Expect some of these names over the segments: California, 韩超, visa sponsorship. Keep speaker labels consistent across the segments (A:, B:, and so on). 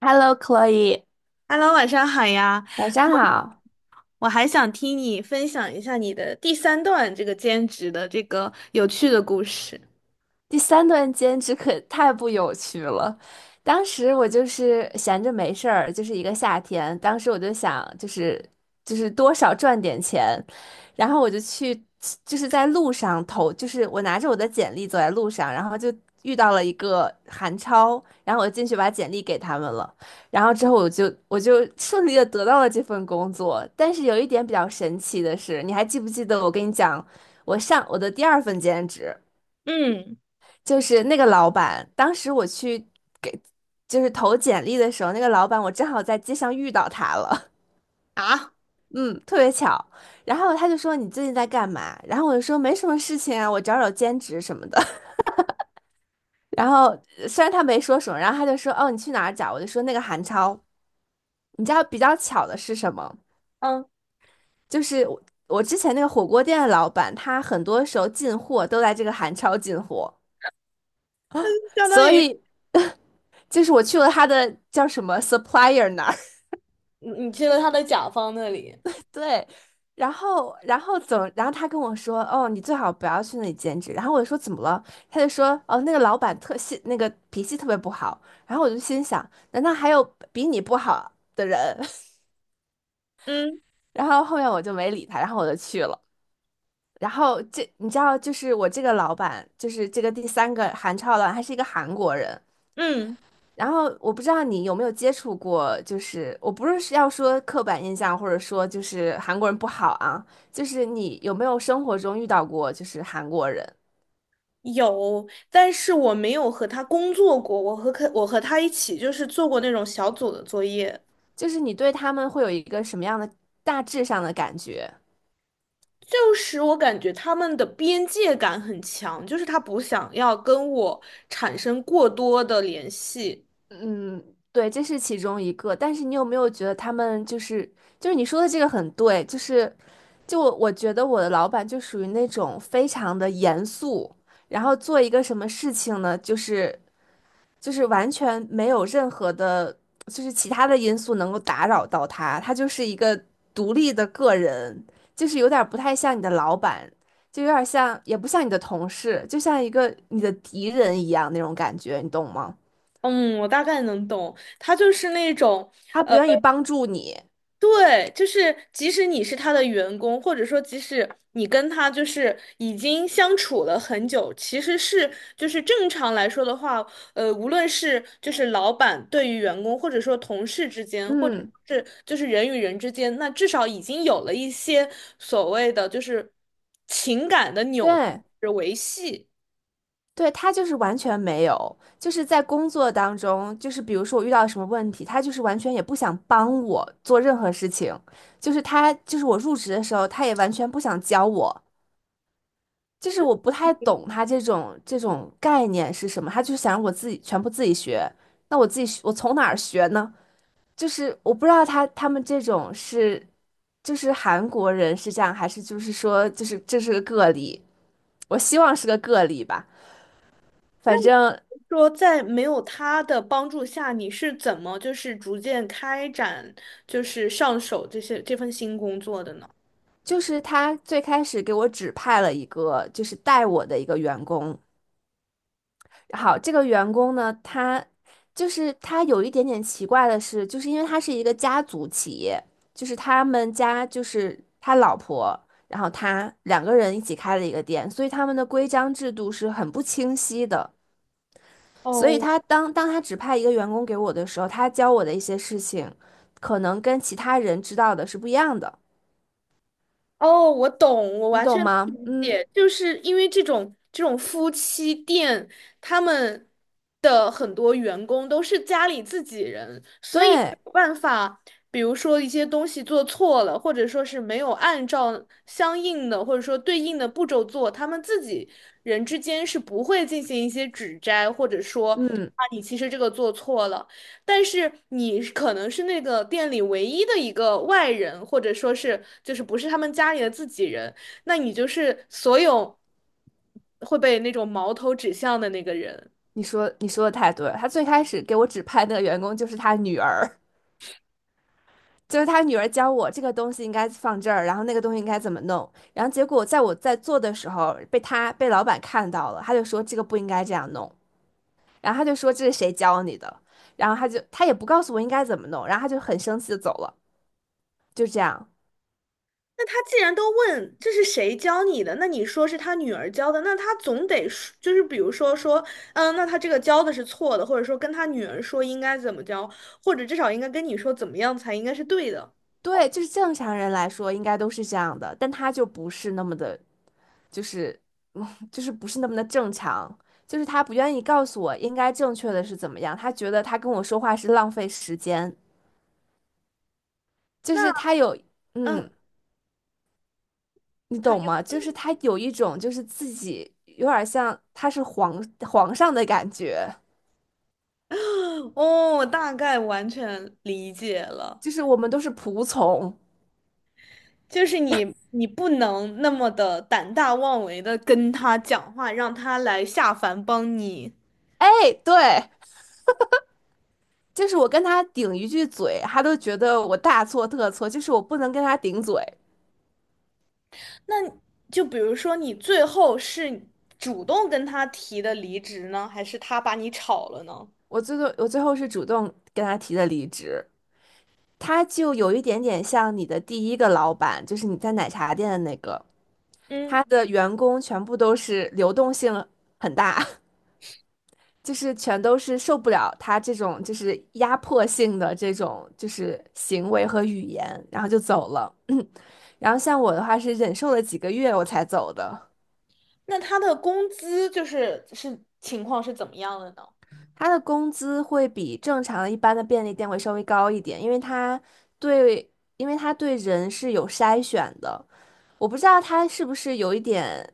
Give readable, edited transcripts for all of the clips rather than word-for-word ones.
A: Hello, Chloe，
B: Hello，晚上好呀！
A: 晚上
B: 我
A: 好。
B: 我还想听你分享一下你的第三段这个兼职的这个有趣的故事。
A: 第三段兼职可太不有趣了。当时我就是闲着没事儿，就是一个夏天，当时我就想，就是多少赚点钱，然后我就去，就是在路上投，就是我拿着我的简历走在路上，然后就遇到了一个韩超，然后我进去把简历给他们了，然后之后我就顺利的得到了这份工作。但是有一点比较神奇的是，你还记不记得我跟你讲，我上我的第二份兼职？
B: 嗯
A: 就是那个老板，当时我去给就是投简历的时候，那个老板我正好在街上遇到他了，
B: 啊，
A: 嗯，特别巧。然后他就说你最近在干嘛？然后我就说没什么事情啊，我找找兼职什么的。然后虽然他没说什么，然后他就说哦你去哪儿找？我就说那个韩超。你知道比较巧的是什么？
B: 嗯，
A: 就是我之前那个火锅店的老板，他很多时候进货都在这个韩超进货，
B: 相当
A: 所
B: 于
A: 以就是我去了他的叫什么 supplier 那。
B: 你去了他的甲方那里。
A: 对，然后怎么？然后他跟我说，哦，你最好不要去那里兼职。然后我就说怎么了？他就说，哦，那个老板特性，那个脾气特别不好。然后我就心想，难道还有比你不好的人？
B: 嗯
A: 然后后面我就没理他，然后我就去了。然后这你知道，就是我这个老板，就是这个第三个韩超老板，他是一个韩国人。
B: 嗯
A: 然后我不知道你有没有接触过，就是我不是要说刻板印象，或者说就是韩国人不好啊，就是你有没有生活中遇到过就是韩国人，
B: 有，但是我没有和他工作过，我和他一起就是做过那种小组的作业，
A: 就是你对他们会有一个什么样的大致上的感觉？
B: 就是我感觉他们的边界感很强，就是他不想要跟我产生过多的联系。
A: 嗯，对，这是其中一个。但是你有没有觉得他们就是就是你说的这个很对，就是就我觉得我的老板就属于那种非常的严肃。然后做一个什么事情呢？就是完全没有任何的，就是其他的因素能够打扰到他，他就是一个独立的个人，就是有点儿不太像你的老板，就有点儿像，也不像你的同事，就像一个你的敌人一样那种感觉，你懂吗？
B: 嗯，我大概能懂，他就是那种，
A: 他不愿意帮助你，
B: 对，就是即使你是他的员工，或者说即使你跟他就是已经相处了很久，其实是就是正常来说的话，无论是就是老板对于员工，或者说同事之间，或者
A: 嗯，
B: 是就是人与人之间，那至少已经有了一些所谓的就是情感的纽
A: 对。
B: 带维系。
A: 对，他就是完全没有，就是在工作当中，就是比如说我遇到什么问题，他就是完全也不想帮我做任何事情，就是他，就是我入职的时候，他也完全不想教我，就是我不太懂他这种概念是什么，他就是想让我自己全部自己学，那我自己学我从哪儿学呢？就是我不知道他们这种是就是韩国人是这样，还是就是说就是这是个个例，我希望是个个例吧。反正
B: 说在没有他的帮助下，你是怎么就是逐渐开展就是上手这些这份新工作的呢？
A: 就是他最开始给我指派了一个就是带我的一个员工，好，这个员工呢，他就是他有一点点奇怪的是，就是因为他是一个家族企业，就是他们家就是他老婆，然后他两个人一起开了一个店，所以他们的规章制度是很不清晰的。所以
B: 哦。
A: 当他指派一个员工给我的时候，他教我的一些事情，可能跟其他人知道的是不一样的，
B: 哦，我懂，我
A: 你
B: 完
A: 懂
B: 全
A: 吗？
B: 理
A: 嗯，
B: 解，就是因为这种夫妻店，他们的很多员工都是家里自己人，所以没
A: 对，
B: 有办法，比如说一些东西做错了，或者说是没有按照相应的或者说对应的步骤做，他们自己人之间是不会进行一些指摘，或者说
A: 嗯，
B: 啊，你其实这个做错了。但是你可能是那个店里唯一的一个外人，或者说是就是不是他们家里的自己人，那你就是所有会被那种矛头指向的那个人。
A: 你说的太对了，他最开始给我指派那个员工就是他女儿。就是他女儿教我这个东西应该放这儿，然后那个东西应该怎么弄，然后结果在我在做的时候被老板看到了，他就说这个不应该这样弄，然后他就说这是谁教你的，然后他也不告诉我应该怎么弄，然后他就很生气的走了，就这样。
B: 那他既然都问这是谁教你的，那你说是他女儿教的，那他总得说就是比如说，嗯，那他这个教的是错的，或者说跟他女儿说应该怎么教，或者至少应该跟你说怎么样才应该是对的。
A: 对，就是正常人来说应该都是这样的，但他就不是那么的，就是嗯 就是不是那么的正常，就是他不愿意告诉我应该正确的是怎么样，他觉得他跟我说话是浪费时间，就
B: 那
A: 是他有
B: 嗯。
A: 嗯。你
B: 他
A: 懂
B: 又。
A: 吗？就是他有一种就是自己有点像他是皇上的感觉，
B: 哦，我大概完全理解了，
A: 就是我们都是仆从。
B: 就是你不能那么的胆大妄为的跟他讲话，让他来下凡帮你。
A: 哎，对，就是我跟他顶一句嘴，他都觉得我大错特错，就是我不能跟他顶嘴。
B: 那就比如说你最后是主动跟他提的离职呢，还是他把你炒了呢？
A: 我最后是主动跟他提的离职，他就有一点点像你的第一个老板，就是你在奶茶店的那个，
B: 嗯，
A: 他的员工全部都是流动性很大。就是全都是受不了他这种就是压迫性的这种就是行为和语言，然后就走了。然后像我的话是忍受了几个月我才走的。
B: 那他的工资就是是情况是怎么样的呢？
A: 他的工资会比正常的一般的便利店会稍微高一点，因为他对，因为他对人是有筛选的。我不知道他是不是有一点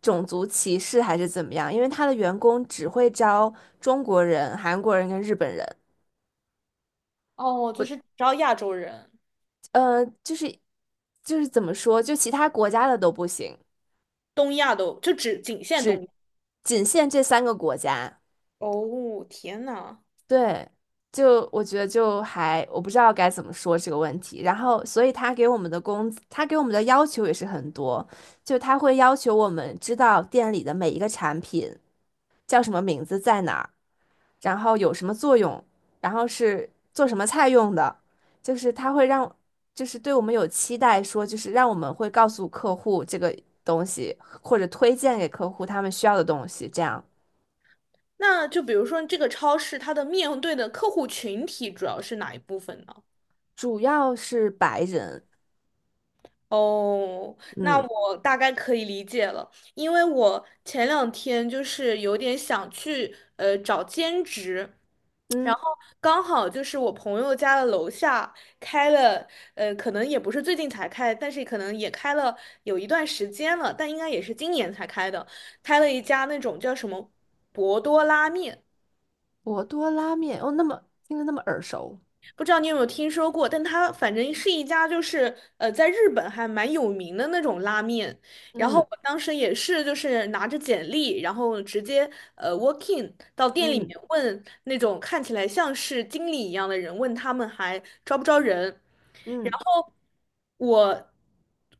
A: 种族歧视还是怎么样，因为他的员工只会招中国人、韩国人跟日本人。
B: 哦，就
A: 我
B: 是只要亚洲人，
A: 呃，就是就是怎么说，就其他国家的都不行，
B: 东亚都就只仅限东
A: 只
B: 亚。
A: 仅限这三个国家。
B: 哦，天呐！
A: 对，就我觉得就还我不知道该怎么说这个问题。然后，所以他给我们的工资，他给我们的要求也是很多，就他会要求我们知道店里的每一个产品叫什么名字在哪儿。然后有什么作用，然后是做什么菜用的，就是它会让，就是对我们有期待，说就是让我们会告诉客户这个东西，或者推荐给客户他们需要的东西，这样
B: 那就比如说这个超市，它的面对的客户群体主要是哪一部分呢？
A: 主要是白人，
B: 哦，那
A: 嗯。
B: 我大概可以理解了，因为我前两天就是有点想去找兼职，然
A: 嗯，
B: 后刚好就是我朋友家的楼下开了，呃，可能也不是最近才开，但是可能也开了有一段时间了，但应该也是今年才开的，开了一家那种叫什么博多拉面。
A: 博多拉面哦，那么听着那么耳熟，
B: 不知道你有没有听说过，但它反正是一家就是在日本还蛮有名的那种拉面。然后
A: 嗯。
B: 我当时也是就是拿着简历，然后直接walk in g 到店里
A: 嗯。
B: 面问那种看起来像是经理一样的人，问他们还招不招人。然
A: 嗯。
B: 后我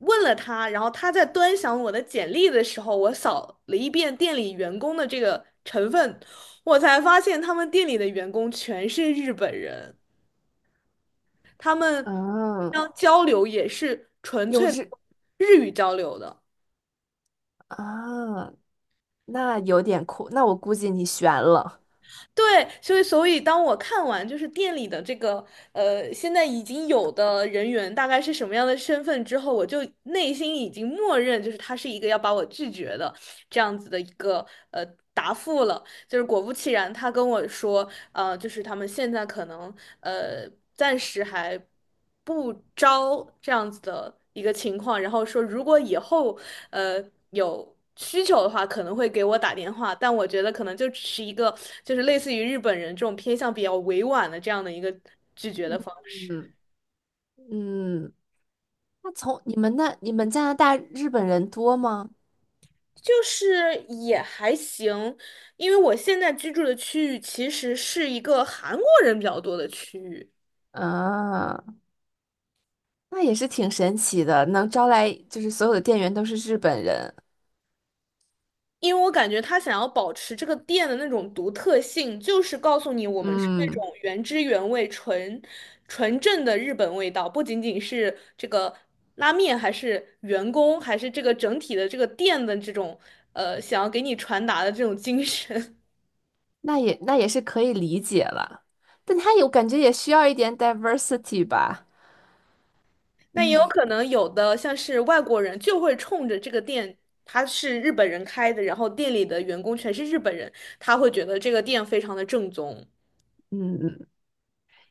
B: 问了他，然后他在端详我的简历的时候，我扫了一遍店里员工的这个成分，我才发现他们店里的员工全是日本人。他们
A: 嗯，
B: 要交流也是纯
A: 有
B: 粹的
A: 日
B: 日语交流的。
A: 啊，那有点酷，那我估计你悬了，
B: 对，所以当我看完就是店里的这个呃，现在已经有的人员大概是什么样的身份之后，我就内心已经默认就是他是一个要把我拒绝的这样子的一个呃答复了。就是果不其然，他跟我说，就是他们现在可能暂时还不招这样子的一个情况，然后说如果以后呃有需求的话，可能会给我打电话，但我觉得可能就只是一个就是类似于日本人这种偏向比较委婉的这样的一个拒绝的方式。
A: 嗯。嗯。那从你们那你们加拿大日本人多吗？
B: 就是也还行，因为我现在居住的区域其实是一个韩国人比较多的区域。
A: 啊，那也是挺神奇的，能招来就是所有的店员都是日本人，
B: 因为我感觉他想要保持这个店的那种独特性，就是告诉你我们是那种
A: 嗯，
B: 原汁原味、纯纯正的日本味道，不仅仅是这个拉面，还是员工，还是这个整体的这个店的这种想要给你传达的这种精神。
A: 那也是可以理解了，但他有感觉也需要一点 diversity 吧，
B: 但也有可能有的像是外国人就会冲着这个店。他是日本人开的，然后店里的员工全是日本人，他会觉得这个店非常的正宗。
A: 嗯，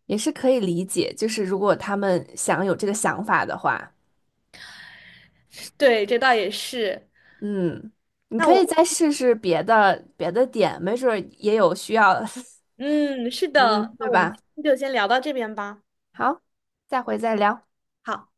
A: 也是可以理解，就是如果他们想有这个想法的话，
B: 对，这倒也是。
A: 嗯，你
B: 那
A: 可
B: 我
A: 以
B: 们。
A: 再试试别的点，没准儿也有需要，
B: 嗯，是 的，
A: 嗯，
B: 那
A: 对
B: 我们
A: 吧？
B: 今天就先聊到这边吧。
A: 好，下回再聊。
B: 好。